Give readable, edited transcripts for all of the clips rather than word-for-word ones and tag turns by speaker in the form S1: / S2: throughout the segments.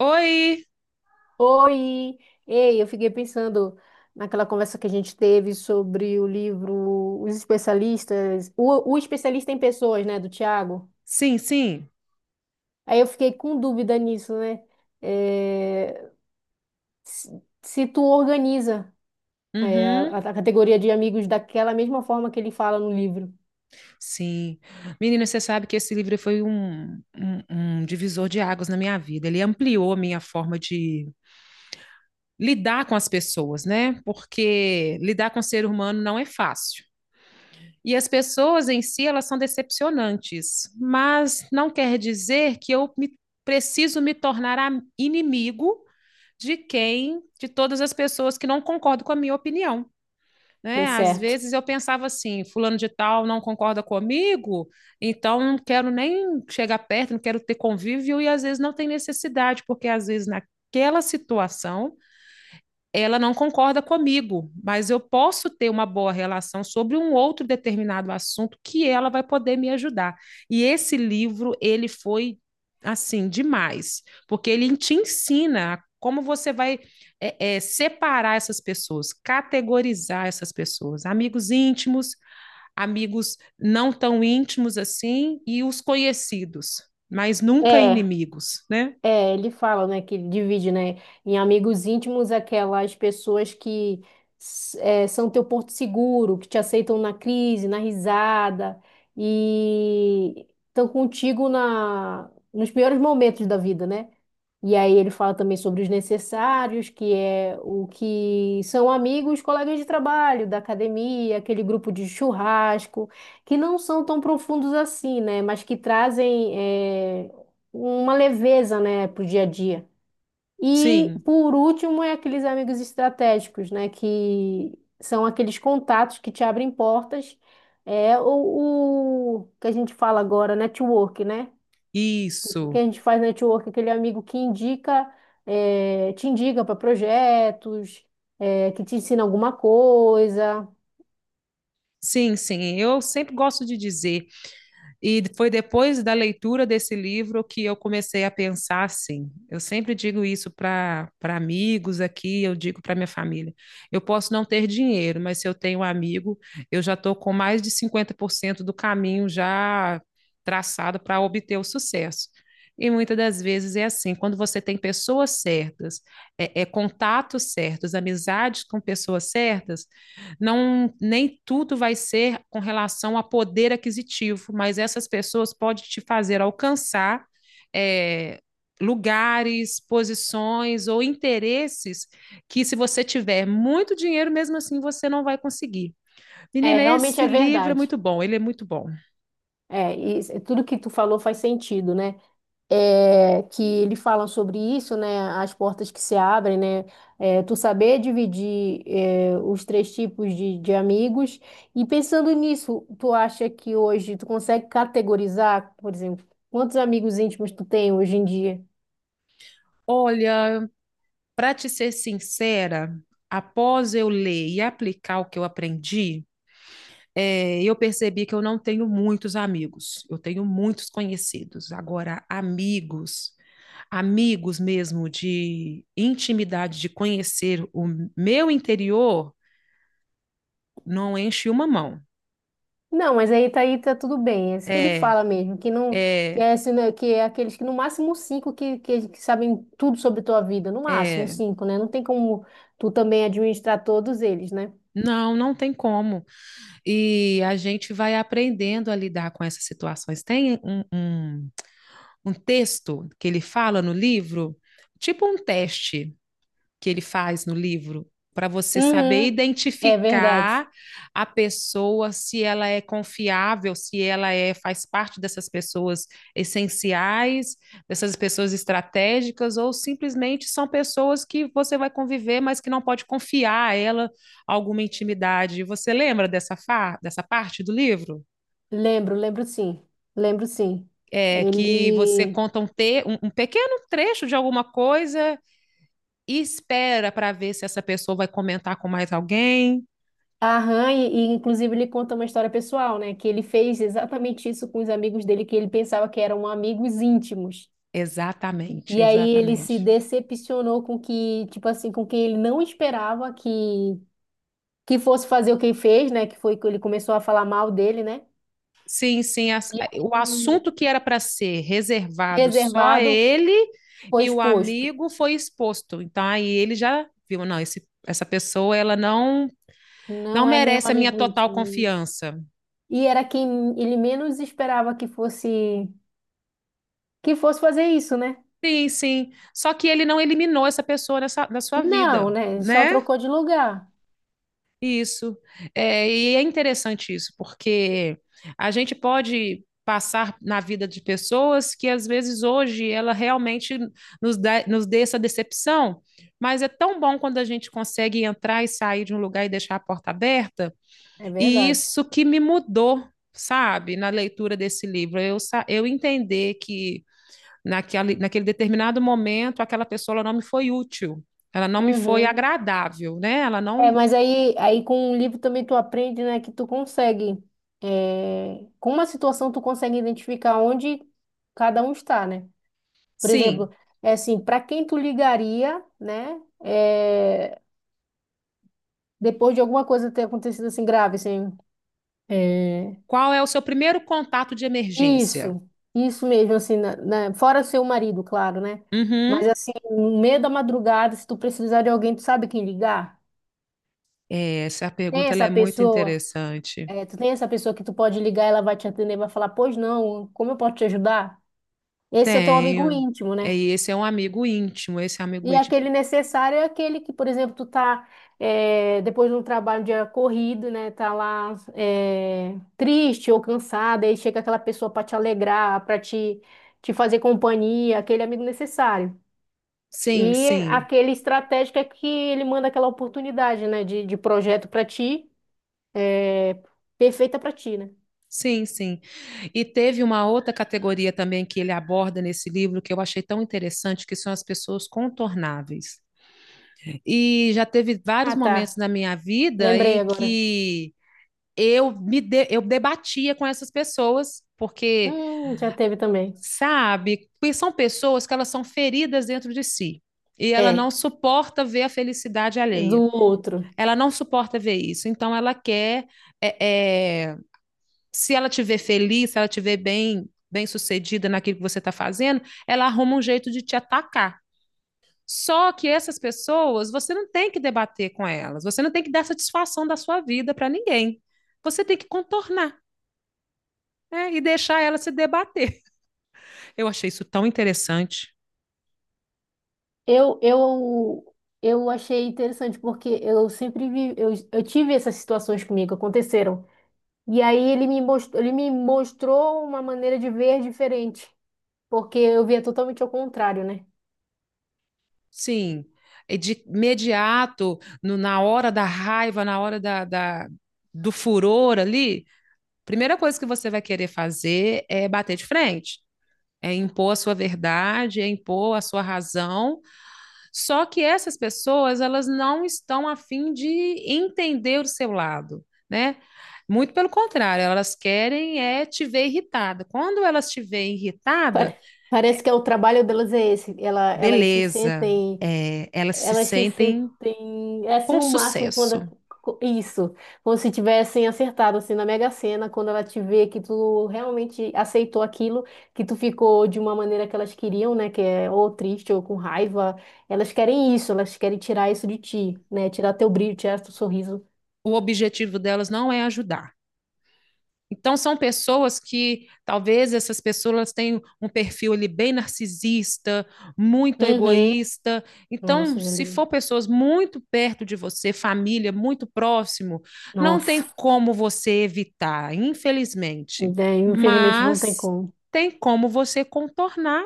S1: Oi!
S2: Oi! Ei, eu fiquei pensando naquela conversa que a gente teve sobre o livro Os Especialistas, o Especialista em Pessoas, né, do Tiago.
S1: Sim, sim.
S2: Aí eu fiquei com dúvida nisso, né? É, se tu organiza a,
S1: Uhum.
S2: a categoria de amigos daquela mesma forma que ele fala no livro,
S1: Sim. Menina, você sabe que esse livro foi um divisor de águas na minha vida. Ele ampliou a minha forma de lidar com as pessoas, né? Porque lidar com o ser humano não é fácil. E as pessoas em si, elas são decepcionantes, mas não quer dizer que preciso me tornar inimigo de todas as pessoas que não concordam com a minha opinião.
S2: dê
S1: Né? Às
S2: certo.
S1: vezes eu pensava assim, fulano de tal não concorda comigo, então não quero nem chegar perto, não quero ter convívio, e às vezes não tem necessidade, porque às vezes naquela situação ela não concorda comigo, mas eu posso ter uma boa relação sobre um outro determinado assunto que ela vai poder me ajudar. E esse livro, ele foi assim demais, porque ele te ensina como você vai separar essas pessoas, categorizar essas pessoas, amigos íntimos, amigos não tão íntimos assim e os conhecidos, mas nunca
S2: É.
S1: inimigos, né?
S2: É, ele fala, né, que ele divide, né, em amigos íntimos aquelas pessoas que são teu porto seguro, que te aceitam na crise, na risada e estão contigo na nos piores momentos da vida, né? E aí ele fala também sobre os necessários, que é o que são amigos, colegas de trabalho, da academia, aquele grupo de churrasco, que não são tão profundos assim, né? Mas que trazem uma leveza, né, para o dia a dia. E
S1: Sim,
S2: por último é aqueles amigos estratégicos, né? Que são aqueles contatos que te abrem portas. É o que a gente fala agora, network, né? Que
S1: isso.
S2: a gente faz network, aquele amigo que indica, te indica para projetos, que te ensina alguma coisa.
S1: Sim, sim, eu sempre gosto de dizer, e foi depois da leitura desse livro que eu comecei a pensar assim. Eu sempre digo isso para amigos aqui, eu digo para minha família. Eu posso não ter dinheiro, mas se eu tenho um amigo, eu já estou com mais de 50% do caminho já traçado para obter o sucesso. E muitas das vezes é assim, quando você tem pessoas certas, contatos certos, amizades com pessoas certas, não, nem tudo vai ser com relação a poder aquisitivo, mas essas pessoas podem te fazer alcançar é, lugares, posições ou interesses que, se você tiver muito dinheiro, mesmo assim você não vai conseguir.
S2: É,
S1: Menina,
S2: realmente
S1: esse
S2: é
S1: livro é
S2: verdade.
S1: muito bom, ele é muito bom.
S2: É, e tudo que tu falou faz sentido, né? É, que ele fala sobre isso, né? As portas que se abrem, né? É, tu saber dividir, os três tipos de amigos. E pensando nisso, tu acha que hoje tu consegue categorizar, por exemplo, quantos amigos íntimos tu tem hoje em dia?
S1: Olha, para te ser sincera, após eu ler e aplicar o que eu aprendi, eu percebi que eu não tenho muitos amigos, eu tenho muitos conhecidos. Agora, amigos, amigos mesmo de intimidade, de conhecer o meu interior, não enche uma mão.
S2: Não, mas aí tá tudo bem. É isso que ele
S1: É,
S2: fala mesmo, que não, que
S1: é,
S2: é, assim, né, que é aqueles que no máximo cinco que sabem tudo sobre tua vida, no máximo
S1: é,
S2: cinco, né? Não tem como tu também administrar todos eles, né?
S1: não, não tem como. E a gente vai aprendendo a lidar com essas situações. Tem um texto que ele fala no livro, tipo um teste que ele faz no livro para você saber
S2: Uhum, é verdade.
S1: identificar a pessoa, se ela é confiável, se ela é faz parte dessas pessoas essenciais, dessas pessoas estratégicas, ou simplesmente são pessoas que você vai conviver, mas que não pode confiar a ela alguma intimidade. Você lembra dessa, fa dessa parte do livro?
S2: Lembro, lembro sim. Lembro sim.
S1: É, que você
S2: Ele
S1: conta um pequeno trecho de alguma coisa e espera para ver se essa pessoa vai comentar com mais alguém.
S2: arranha e, inclusive ele conta uma história pessoal, né? Que ele fez exatamente isso com os amigos dele que ele pensava que eram amigos íntimos.
S1: Exatamente,
S2: E aí ele se
S1: exatamente.
S2: decepcionou com que, tipo assim, com quem ele não esperava que fosse fazer o que ele fez, né? Que foi que ele começou a falar mal dele, né?
S1: Sim, sim,
S2: E aí,
S1: o assunto que era para ser reservado só
S2: reservado,
S1: ele
S2: foi
S1: e o
S2: exposto.
S1: amigo foi exposto. Então aí ele já viu, não, essa pessoa ela não
S2: Não é meu
S1: merece a minha
S2: amigo
S1: total
S2: íntimo.
S1: confiança.
S2: E era quem ele menos esperava que fosse fazer isso, né?
S1: Sim, sim. Só que ele não eliminou essa pessoa da sua
S2: Não,
S1: vida,
S2: né? Ele só
S1: né?
S2: trocou de lugar.
S1: Isso. É, e é interessante isso, porque a gente pode passar na vida de pessoas que às vezes hoje ela realmente nos dê essa decepção, mas é tão bom quando a gente consegue entrar e sair de um lugar e deixar a porta aberta,
S2: É
S1: e
S2: verdade.
S1: isso que me mudou, sabe, na leitura desse livro, eu, eu entender que naquele determinado momento aquela pessoa ela não me foi útil, ela não me foi
S2: Uhum.
S1: agradável, né? Ela
S2: É,
S1: não.
S2: mas aí com o livro também tu aprende, né, que tu consegue, com uma situação tu consegue identificar onde cada um está, né? Por exemplo,
S1: Sim.
S2: é assim, para quem tu ligaria, né, depois de alguma coisa ter acontecido assim grave, assim, é,
S1: Qual é o seu primeiro contato de emergência?
S2: isso, isso mesmo, assim, fora seu marido, claro, né? Mas
S1: Uhum.
S2: assim, no meio da madrugada, se tu precisar de alguém, tu sabe quem ligar?
S1: É, essa
S2: Tem
S1: pergunta ela
S2: essa
S1: é muito
S2: pessoa?
S1: interessante.
S2: É, tu tem essa pessoa que tu pode ligar, ela vai te atender, vai falar, pois não, como eu posso te ajudar? Esse é teu amigo
S1: Tenho.
S2: íntimo,
S1: É,
S2: né?
S1: e esse é um amigo íntimo, esse é um amigo
S2: E
S1: íntimo.
S2: aquele necessário é aquele que, por exemplo, tu tá depois de um trabalho de corrido, né? Tá lá triste ou cansada, aí chega aquela pessoa para te alegrar, para te fazer companhia, aquele amigo necessário.
S1: Sim,
S2: E
S1: sim.
S2: aquele estratégico é que ele manda aquela oportunidade, né? De projeto para ti, eh, perfeita para ti, né?
S1: Sim, sim. E teve uma outra categoria também que ele aborda nesse livro que eu achei tão interessante, que são as pessoas contornáveis. E já teve vários
S2: Ah,
S1: momentos
S2: tá.
S1: na minha vida
S2: Lembrei
S1: em
S2: agora.
S1: que eu debatia com essas pessoas, porque,
S2: Já teve também.
S1: sabe? Porque são pessoas que elas são feridas dentro de si. E ela não
S2: É,
S1: suporta ver a felicidade
S2: do
S1: alheia.
S2: outro.
S1: Ela não suporta ver isso. Então, ela quer. é, é, Se ela te ver feliz, se ela te ver bem, bem sucedida naquilo que você está fazendo, ela arruma um jeito de te atacar. Só que essas pessoas, você não tem que debater com elas. Você não tem que dar satisfação da sua vida para ninguém. Você tem que contornar, né? E deixar ela se debater. Eu achei isso tão interessante.
S2: Eu, eu, eu achei interessante porque eu sempre vi, eu tive essas situações comigo, aconteceram. E aí ele me mostrou uma maneira de ver diferente, porque eu via totalmente ao contrário, né?
S1: Sim, é de imediato, na hora da raiva, na hora do furor ali, primeira coisa que você vai querer fazer é bater de frente, é impor a sua verdade, é impor a sua razão. Só que essas pessoas, elas não estão a fim de entender o seu lado, né? Muito pelo contrário, elas querem é te ver irritada. Quando elas te veem irritada,
S2: Pare- Parece que é o trabalho delas é esse. Ela, elas se
S1: beleza,
S2: sentem
S1: elas se
S2: Elas se
S1: sentem
S2: sentem, é assim,
S1: com
S2: o máximo
S1: sucesso.
S2: quando. Isso, como se tivessem acertado, assim, na Mega Sena, quando ela te vê que tu realmente aceitou aquilo, que tu ficou de uma maneira que elas queriam, né, que é ou triste ou com raiva, elas querem isso, elas querem tirar isso de ti, né, tirar teu brilho, tirar teu sorriso.
S1: O objetivo delas não é ajudar. Então, são pessoas que talvez essas pessoas tenham um perfil ali bem narcisista, muito
S2: Uhum.
S1: egoísta. Então,
S2: Nossa.
S1: se for pessoas muito perto de você, família muito próximo, não
S2: Nossa.
S1: tem como você evitar, infelizmente.
S2: Daí, infelizmente não tem
S1: Mas
S2: como.
S1: tem como você contornar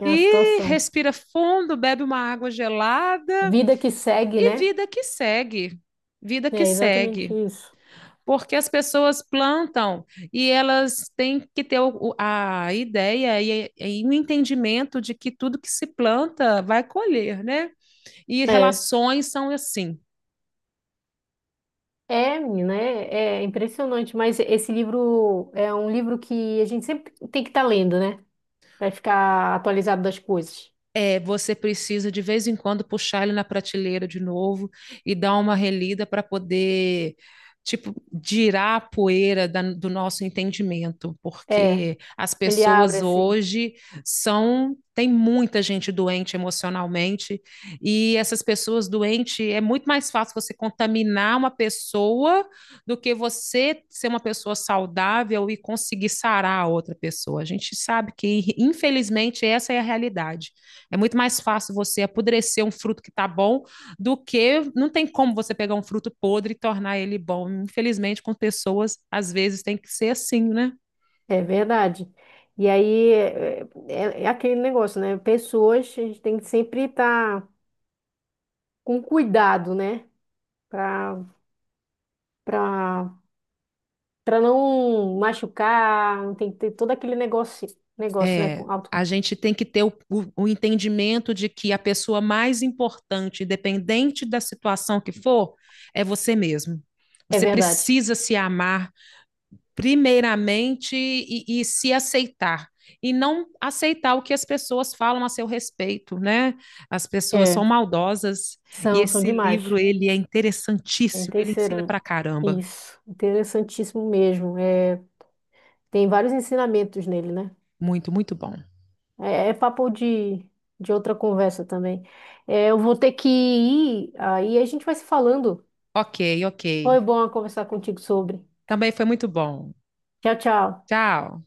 S2: É a
S1: e
S2: situação.
S1: respira fundo, bebe uma água gelada
S2: Vida que segue,
S1: e
S2: né?
S1: vida que segue, vida que
S2: É exatamente
S1: segue.
S2: isso.
S1: Porque as pessoas plantam e elas têm que ter a ideia e o entendimento de que tudo que se planta vai colher, né? E
S2: É.
S1: relações são assim.
S2: É, menina, é impressionante, mas esse livro é um livro que a gente sempre tem que estar lendo, né? Para ficar atualizado das coisas.
S1: É, você precisa de vez em quando puxar ele na prateleira de novo e dar uma relida para poder, tipo, girar a poeira do nosso entendimento,
S2: É,
S1: porque as
S2: ele abre
S1: pessoas
S2: assim,
S1: hoje são, tem muita gente doente emocionalmente, e essas pessoas doentes é muito mais fácil você contaminar uma pessoa do que você ser uma pessoa saudável e conseguir sarar a outra pessoa. A gente sabe que, infelizmente, essa é a realidade. É muito mais fácil você apodrecer um fruto que está bom do que, não tem como você pegar um fruto podre e tornar ele bom. Infelizmente, com pessoas, às vezes tem que ser assim, né?
S2: é verdade. E aí é aquele negócio, né? Pessoas, a gente tem que sempre estar com cuidado, né? Para para para não machucar, não tem que ter todo aquele negócio, negócio, né?
S1: É,
S2: Com auto.
S1: a gente tem que ter o entendimento de que a pessoa mais importante, independente da situação que for, é você mesmo.
S2: É
S1: Você
S2: verdade.
S1: precisa se amar primeiramente e se aceitar. E não aceitar o que as pessoas falam a seu respeito, né? As pessoas
S2: É,
S1: são maldosas. E
S2: são
S1: esse livro,
S2: demais.
S1: ele é
S2: É
S1: interessantíssimo. Ele ensina
S2: Teixeira.
S1: pra caramba.
S2: Isso, interessantíssimo mesmo. É, tem vários ensinamentos nele, né?
S1: Muito, muito bom.
S2: É papo de outra conversa também. É, eu vou ter que ir, aí a gente vai se falando.
S1: Ok, ok.
S2: Foi bom conversar contigo sobre.
S1: Também foi muito bom.
S2: Tchau, tchau.
S1: Tchau.